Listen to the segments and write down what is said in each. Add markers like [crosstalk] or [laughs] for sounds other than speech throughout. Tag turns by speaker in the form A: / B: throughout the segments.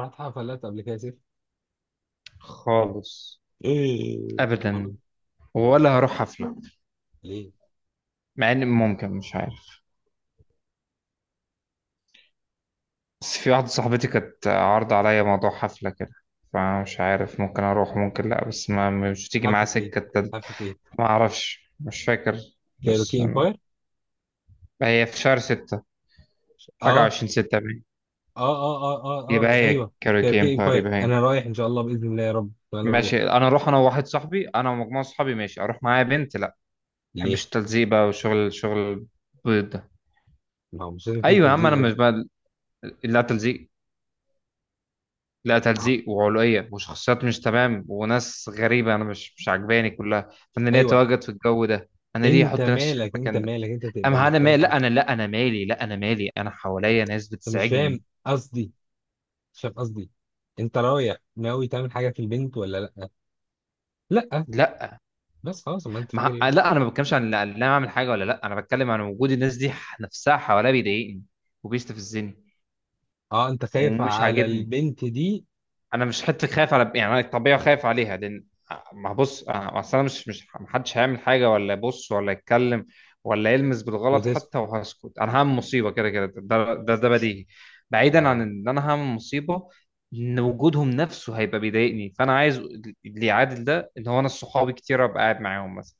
A: رحت حفلات قبل كده يا سيف؟
B: خالص.
A: ايه؟ برضه؟
B: ابدا.
A: يعني
B: ولا هروح حفله،
A: ليه؟
B: مع ان ممكن مش عارف. بس في واحده صاحبتي كانت عارضه عليا موضوع حفله كده، فمش عارف ممكن اروح ممكن لا، بس ما مش تيجي معاها
A: حفلة ايه؟
B: سكه التالت.
A: حفلة ايه؟
B: ما اعرفش مش فاكر، بس
A: كايروكي امباير.
B: هي في شهر ستة، حاجه
A: اه،
B: وعشرين ستة باين.
A: اه، اه، اه،
B: يبقى
A: اه، اه،
B: هي
A: ايوه،
B: كاروكي
A: كايروكي
B: امبار،
A: امباير،
B: يبقى هي.
A: انا رايح ان شاء الله باذن الله يا رب انا اروح.
B: ماشي انا اروح، انا وواحد صاحبي، انا ومجموعه صحابي، ماشي. اروح معايا بنت؟ لا، ما
A: ليه؟
B: بحبش التلزيق بقى وشغل شغل البيض ده.
A: ما هو مش لازم يكون
B: ايوه يا عم،
A: تجديد
B: انا
A: يا ابني.
B: مش بقى، لا تلزيق، لا
A: أهو.
B: تلزيق وعلوية وشخصيات مش تمام وناس غريبة أنا مش عجباني كلها، فأنا ليه
A: ايوه.
B: أتواجد في الجو ده؟ أنا ليه
A: انت
B: أحط نفسي في
A: مالك، انت
B: المكان ده؟
A: مالك، انت تبقى
B: أما
A: مش
B: أنا مالي؟
A: كويس ليه؟
B: لا أنا، لا أنا مالي، لا أنا مالي، أنا حواليا ناس
A: انت مش فاهم
B: بتزعجني.
A: قصدي. مش فاهم قصدي. انت رايح ناوي تعمل حاجه في البنت ولا لا؟ لا؟
B: لا
A: بس خلاص، ما انت فاكر
B: ما...
A: ايه بقى؟
B: لا أنا ما بتكلمش عن، لا أنا أعمل حاجة ولا لا، أنا بتكلم عن وجود الناس دي نفسها حواليا بيضايقني وبيستفزني
A: اه، انت خايف
B: ومش
A: على
B: عاجبني.
A: البنت دي
B: انا مش حته خايف على، يعني انا الطبيعه خايف عليها، لان، ما بص اصل انا مش محدش هيعمل حاجه ولا يبص ولا يتكلم ولا يلمس بالغلط
A: وتسكت؟
B: حتى وهسكت. انا هعمل مصيبه كده كده، ده بديهي. بعيدا عن
A: آه.
B: ان انا هعمل مصيبه، ان وجودهم نفسه هيبقى بيضايقني. فانا عايز اللي يعادل ده، ان هو انا صحابي كتير ابقى قاعد معاهم مثلا.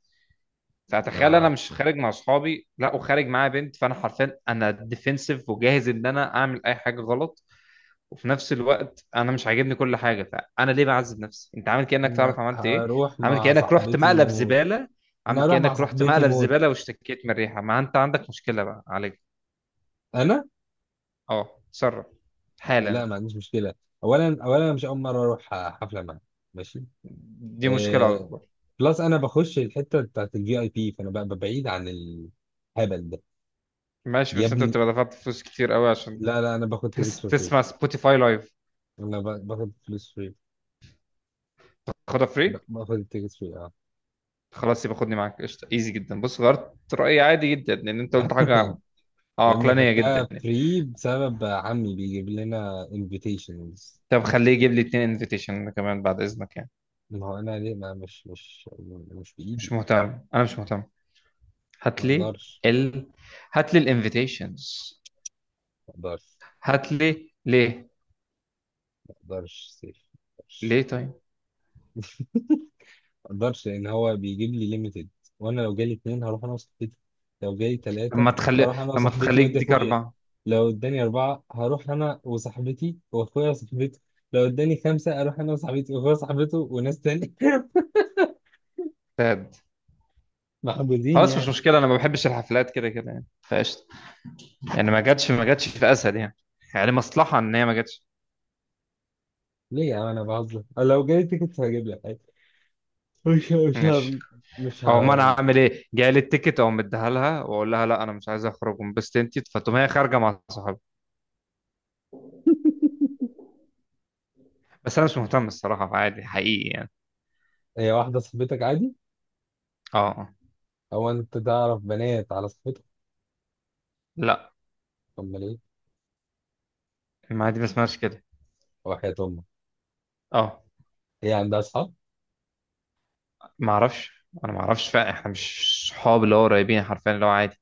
B: فتخيل انا
A: آه.
B: مش خارج مع صحابي، لا، وخارج معايا بنت، فانا حرفيا انا ديفنسيف وجاهز ان انا اعمل اي حاجه غلط. وفي نفس الوقت انا مش عاجبني كل حاجه، فانا ليه بعذب نفسي؟ انت عامل كانك
A: انا
B: تعرف عملت ايه.
A: هروح
B: عامل
A: مع
B: كانك رحت
A: صاحبتي
B: مقلب
A: موت.
B: زباله. عامل
A: انا هروح مع
B: كانك رحت
A: صاحبتي
B: مقلب
A: موت.
B: زباله واشتكيت من الريحه، ما انت عندك مشكله بقى، عليك.
A: انا،
B: اه، اتصرف
A: لا،
B: حالا.
A: ما عنديش مشكله. اولا اولا أنا مش اول مره اروح حفله معاها. ماشي.
B: دي مشكله
A: آه...
B: اكبر.
A: بلس انا بخش الحته بتاعت الفي اي بي فانا ببقى بعيد عن الهبل ده.
B: ماشي،
A: يا
B: بس انت
A: ابني،
B: بتبقى دفعت فلوس كتير قوي عشان
A: لا لا، انا باخد تيكتس فور فري.
B: تسمع سبوتيفاي لايف.
A: انا باخد فلوس فري.
B: خدها فري.
A: باخد التيكتس فري، اه.
B: خلاص يبقى خدني معاك، قشطه، ايزي جدا. بص، غيرت رايي عادي جدا لان انت قلت
A: [laughs]
B: حاجه
A: يا ابني،
B: عقلانيه جدا.
A: خدتها فري بسبب عمي بيجيب لنا انفيتيشنز.
B: طب خليه يجيب لي اتنين انفيتيشن كمان بعد اذنك يعني.
A: ما هو انا ليه ما مش
B: مش
A: بايدي.
B: مهتم، انا مش مهتم.
A: ما
B: هات لي
A: اقدرش.
B: ال هات لي الانفيتيشنز.
A: ما اقدرش.
B: هات لي ليه؟
A: مقدرش سيف. مقدرش.
B: ليه طيب؟
A: مقدرش لان هو بيجيب لي ليميتد، وانا لو جالي اتنين هروح انا وصاحبتي. لو جالي تلاتة
B: لما تخلي،
A: هروح انا
B: لما
A: وصاحبتي
B: تخليك
A: وادي
B: ديك
A: اخويا.
B: أربعة.
A: لو اداني اربعة هروح انا وصاحبتي واخويا وصاحبته. لو اداني خمسة اروح انا وصاحبتي واخويا وصاحبته وناس تاني. [laughs]
B: فاد،
A: محبوزين
B: خلاص مش
A: يعني.
B: مشكلة، أنا ما بحبش الحفلات كده كده يعني، فقشطة. يعني ما جاتش، ما جاتش في أسد يعني. يعني مصلحة إن هي ما جاتش.
A: ليه يا عم؟ انا بهزر. لو جالي تيكت هجيب لك عادي. مش مش
B: ماشي.
A: ه- مش
B: أو ما أنا
A: ه-
B: عامل إيه، جاي لي التيكت أو مديها لها وأقول لها لا أنا مش عايز أخرج وانبسط أنت، فتقوم هي خارجة مع صحابها. بس أنا مش مهتم الصراحة، عادي حقيقي يعني.
A: هي واحدة صاحبتك عادي؟
B: أه. آه.
A: او انت تعرف بنات على صاحبتك؟
B: لا.
A: امال ايه؟
B: ما دي ما اسمهاش كده.
A: وحياة امك.
B: أه.
A: هي عندها اصحاب؟
B: ما اعرفش، انا ما اعرفش فعلا، احنا مش صحاب اللي هو قريبين حرفيا، اللي هو عادي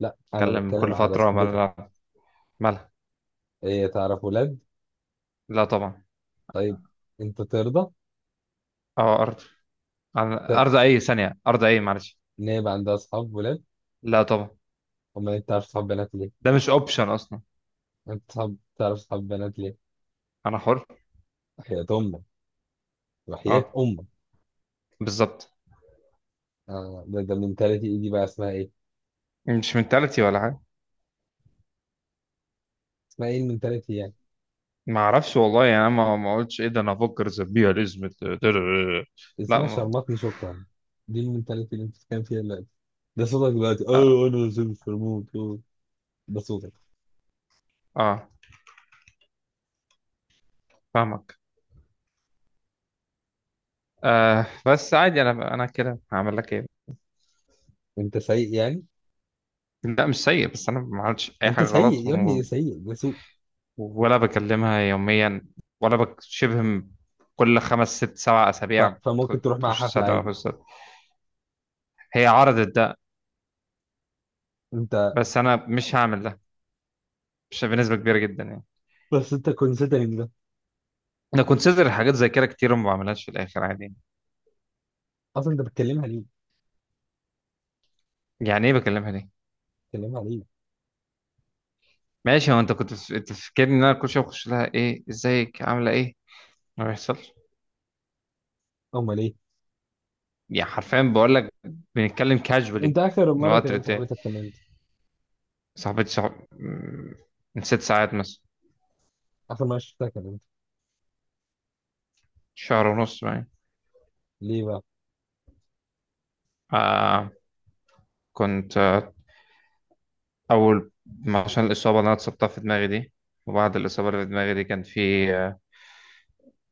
A: لا، انا
B: نتكلم
A: بتكلم
B: كل
A: على
B: فتره.
A: صاحبتك.
B: مالها؟ مالها؟
A: هي تعرف ولاد؟
B: لا طبعا.
A: طيب. انت ترضى؟
B: اه ارض، انا
A: طب،
B: ارض اي ثانيه، ارض اي، معلش.
A: ان هي يبقى عندها اصحاب ولاد؟
B: لا طبعا.
A: امال انت تعرف صحاب بنات ليه؟
B: ده مش اوبشن اصلا.
A: انت صحاب تعرف صحاب بنات ليه؟
B: انا حر.
A: وحياة امك. وحياة
B: اه،
A: امك.
B: بالظبط.
A: آه، ده المنتاليتي إيه دي بقى؟ اسمها ايه؟
B: مش منتاليتي ولا حاجه.
A: اسمها ايه المنتاليتي يعني؟
B: ما اعرفش والله يعني، انا ما قلتش ايه ده، انا افكر زبيها الاسم. لا
A: اسمها
B: ما.
A: شرمطني، شكرا. دي المنتاليتي اللي انت بتتكلم فيها دلوقتي. ده صوتك دلوقتي،
B: اه.
A: اه. انا نزلت في الموت. آه. ده صوتك.
B: آه. فاهمك. آه، بس عادي، انا كده هعمل لك ايه؟
A: انت سيء يعني؟
B: لا مش سيء، بس انا ما عملتش اي
A: انت
B: حاجه
A: سيء
B: غلط.
A: يا ابني، سيء، ده سوء.
B: ولا بكلمها يوميا، ولا بك شبه م- كل خمس ست سبع أسابيع
A: فممكن تروح مع
B: تخش
A: حفلة
B: تسلم على
A: عادي؟
B: الأستاذ. هي عرضت ده،
A: انت
B: بس أنا مش هعمل ده، مش بنسبة كبيرة جدا يعني.
A: بس انت كونسيدرنج.
B: أنا كونسيدر حاجات زي كده كتير وما بعملهاش في الآخر عادي.
A: اصلا انت بتكلمها ليه؟
B: يعني إيه بكلمها ليه؟
A: بتكلمها ليه؟
B: ماشي، هو أنت كنت أنت فاكرني إن أنا كل شوية بخش لها إيه إزيك عاملة إيه؟ ما بيحصلش.
A: امال ايه؟
B: يعني حرفيا بقول لك، بنتكلم
A: انت
B: كاجولي
A: اخر
B: من
A: مره
B: وقت
A: كلمت
B: للتاني.
A: صاحبتك كان امتى؟
B: صاحبتي من ست ساعات مثلا.
A: اخر مره شفتها كان امتى؟
B: شهر ونص يعني.
A: ليه بقى؟
B: آه، كنت أول ما- عشان الإصابة اللي أنا اتصبتها في دماغي دي، وبعد الإصابة اللي في دماغي دي كان في آه،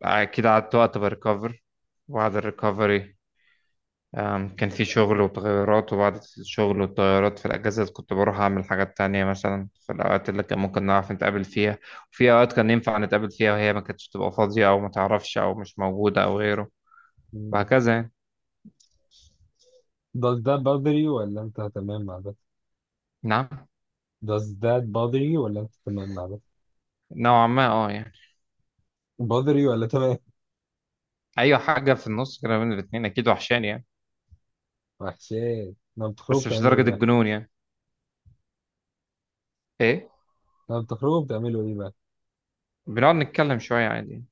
B: أكيد قعدت وقت بريكفر، وبعد الريكفري كان في شغل وتغيرات، وبعد الشغل والتغيرات في الأجازة كنت بروح أعمل حاجات تانية مثلا في الأوقات اللي كان ممكن نعرف نتقابل فيها، وفي أوقات كان ينفع نتقابل فيها وهي ما كانتش تبقى فاضية أو ما تعرفش أو مش موجودة أو غيره،
A: مم.
B: وهكذا يعني.
A: Does that bother you ولا انت تمام مع ده؟
B: نعم.
A: Does that bother you ولا انت تمام مع ده؟
B: نوعا ما أه يعني.
A: bother you ولا تمام؟
B: أي حاجة في النص كده بين الاتنين أكيد وحشاني يعني،
A: وحشات لما بتخرجوا
B: بس مش
A: بتعملوا ايه
B: درجة
A: بقى؟
B: الجنون يعني. إيه؟
A: لما بتخرجوا بتعملوا ايه بقى؟
B: بنقعد نتكلم شوية عادي،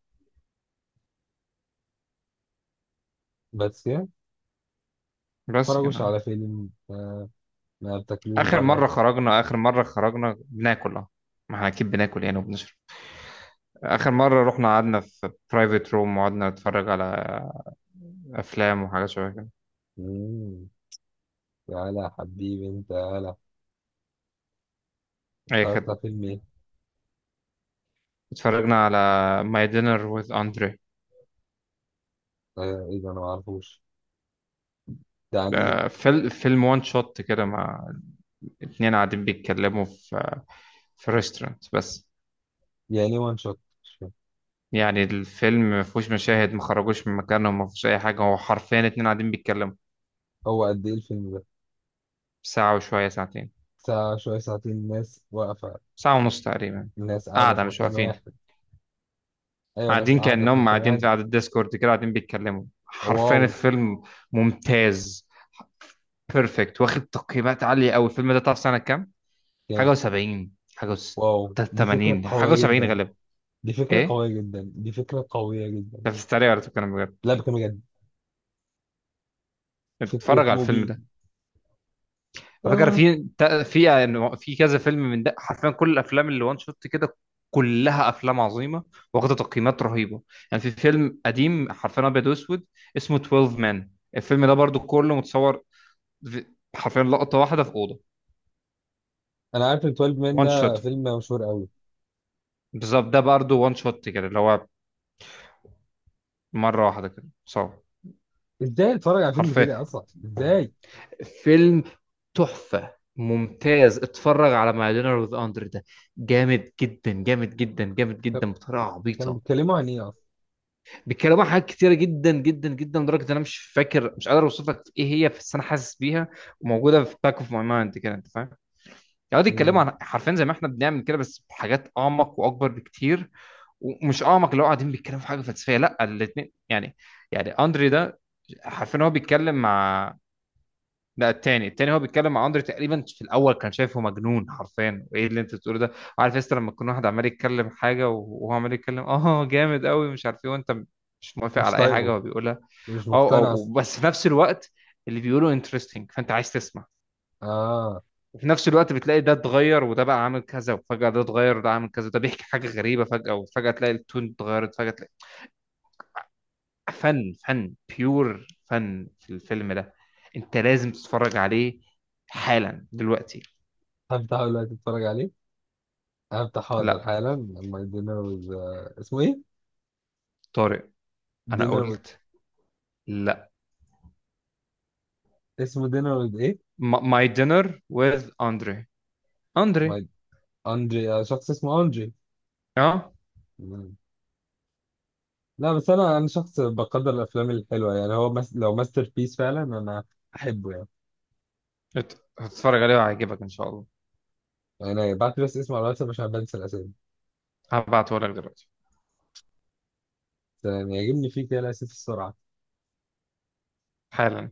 A: بس يعني،
B: بس
A: بتتفرجوش
B: كده.
A: على فيلم؟ آه، ما بتاكلوش
B: آخر
A: بره؟
B: مرة خرجنا، آخر مرة خرجنا بناكل، اه ما احنا أكيد بناكل يعني وبنشرب. آخر مرة رحنا قعدنا في برايفت روم وقعدنا نتفرج على أفلام وحاجات شوية كده.
A: مم. تعالى يا حبيبي، انت تعالى.
B: أي
A: اتفرجت على
B: خدمة.
A: فيلم ايه؟
B: اتفرجنا على ماي دينر وذ أندري.
A: آه، ايه ده؟ انا معرفوش. ده عن ايه؟
B: فيلم وان شوت كده مع اتنين قاعدين بيتكلموا في ريستورانت بس.
A: يعني ايه وان شوت؟ مش فاهم.
B: يعني الفيلم ما فيهوش مشاهد، ما خرجوش من مكانهم، ما فيهوش أي حاجة، هو حرفيا اتنين قاعدين بيتكلموا.
A: هو قد ايه الفيلم ده؟
B: ساعة وشوية، ساعتين،
A: ساعة شوية ساعتين، ناس واقفة،
B: ساعة ونص تقريبا.
A: ناس قاعدة
B: قاعدة
A: في
B: مش
A: مكان
B: واقفين.
A: واحد؟ أيوة، ناس
B: قاعدين
A: قاعدة في
B: كأنهم
A: مكان
B: قاعدين
A: واحد.
B: في قعدة ديسكورد كده، قاعدين بيتكلموا حرفيا.
A: واو.
B: الفيلم ممتاز، بيرفكت، واخد تقييمات عالية أوي. الفيلم ده تعرف سنة كام؟ حاجة
A: كام؟
B: وسبعين. حاجة وس...
A: واو، دي فكرة
B: تمانين، حاجة
A: قوية
B: وسبعين
A: جدا.
B: غالبا.
A: دي فكرة
B: إيه؟
A: قوية جدا. دي فكرة قوية جدا.
B: أنت بتتريق ولا بتتكلم بجد؟
A: لا، بكلم بجد. فكرة
B: اتفرج على الفيلم
A: موبي.
B: ده. على فكره
A: آه.
B: في في كذا فيلم من ده حرفيا، كل الافلام اللي وان شوت كده كلها افلام عظيمه، واخده تقييمات رهيبه. يعني في فيلم قديم حرفيا ابيض واسود اسمه 12 مان، الفيلم ده برضو كله متصور في- حرفيا لقطه واحده في اوضه.
A: أنا عارف ال 12 مان،
B: وان
A: ده
B: شوت،
A: فيلم مشهور قوي.
B: بالظبط. ده برضو وان شوت كده، اللي هو مره واحده كده صور.
A: إزاي أتفرج على فيلم
B: حرفيا
A: كده أصلا؟ إزاي؟
B: فيلم تحفه ممتاز. اتفرج على ماي دينر وذ اندر ده، جامد جدا، جامد جدا، جامد
A: طب،
B: جدا، بطريقه
A: كانوا
B: عبيطه.
A: بيتكلموا عن إيه أصلا؟
B: بيتكلموا عن حاجات كتيره جدا جدا جدا، لدرجه ان انا مش فاكر، مش قادر اوصف لك ايه هي، بس انا حاسس بيها وموجوده في باك اوف ماي مايند كده، انت فاهم؟ يقعدوا يتكلموا
A: مم.
B: عن حرفيا زي ما احنا بنعمل كده، بس بحاجات اعمق واكبر بكتير. ومش اعمق اللي هو قاعدين بيتكلموا في حاجه فلسفيه، لا، الاثنين يعني. يعني اندري ده حرفيا هو بيتكلم مع، لا، التاني، التاني هو بيتكلم مع اندري، تقريبا في الاول كان شايفه مجنون حرفيا، وايه اللي انت بتقوله ده. عارف يا لما تكون واحد عمال يتكلم حاجه وهو عمال يتكلم اه جامد قوي مش عارف ايه، وانت مش موافق
A: مش
B: على اي حاجه
A: طايقه؟
B: هو بيقولها.
A: مش
B: اه
A: مقتنع
B: اه،
A: أصلا؟
B: بس في نفس الوقت اللي بيقولوا انترستنج، فانت عايز تسمع.
A: آه.
B: وفي نفس الوقت بتلاقي ده اتغير وده بقى عامل كذا، وفجأة ده اتغير وده عامل كذا، وده بيحكي حاجة غريبة فجأة، وفجأة تلاقي التون اتغيرت، فجأة تلاقي فن فن بيور فن في الفيلم ده. انت لازم تتفرج عليه حالا دلوقتي.
A: هفتحه دلوقتي، أتفرج عليه. هفتح حاضر
B: لا
A: حالا. my dinner with آه، اسمه إيه؟
B: طارق، انا
A: dinner؟
B: قلت. لا،
A: اسمه دينر ويز ايه؟
B: ماي دينر وذ اندري، اندري.
A: ماي. اندري؟ آه، شخص اسمه اندري.
B: اه.
A: مم. لا، بس انا شخص بقدر الافلام الحلوه يعني. هو لو ماستر بيس فعلا، انا احبه يعني.
B: ات- هتتفرج عليه وهيعجبك ان شاء الله.
A: انا بعت بس اسمه على الواتساب عشان بنسى الاسامي.
B: هبعته لك دلوقتي
A: بس يعني يعجبني فيه كده الاسامي، السرعه.
B: حالا.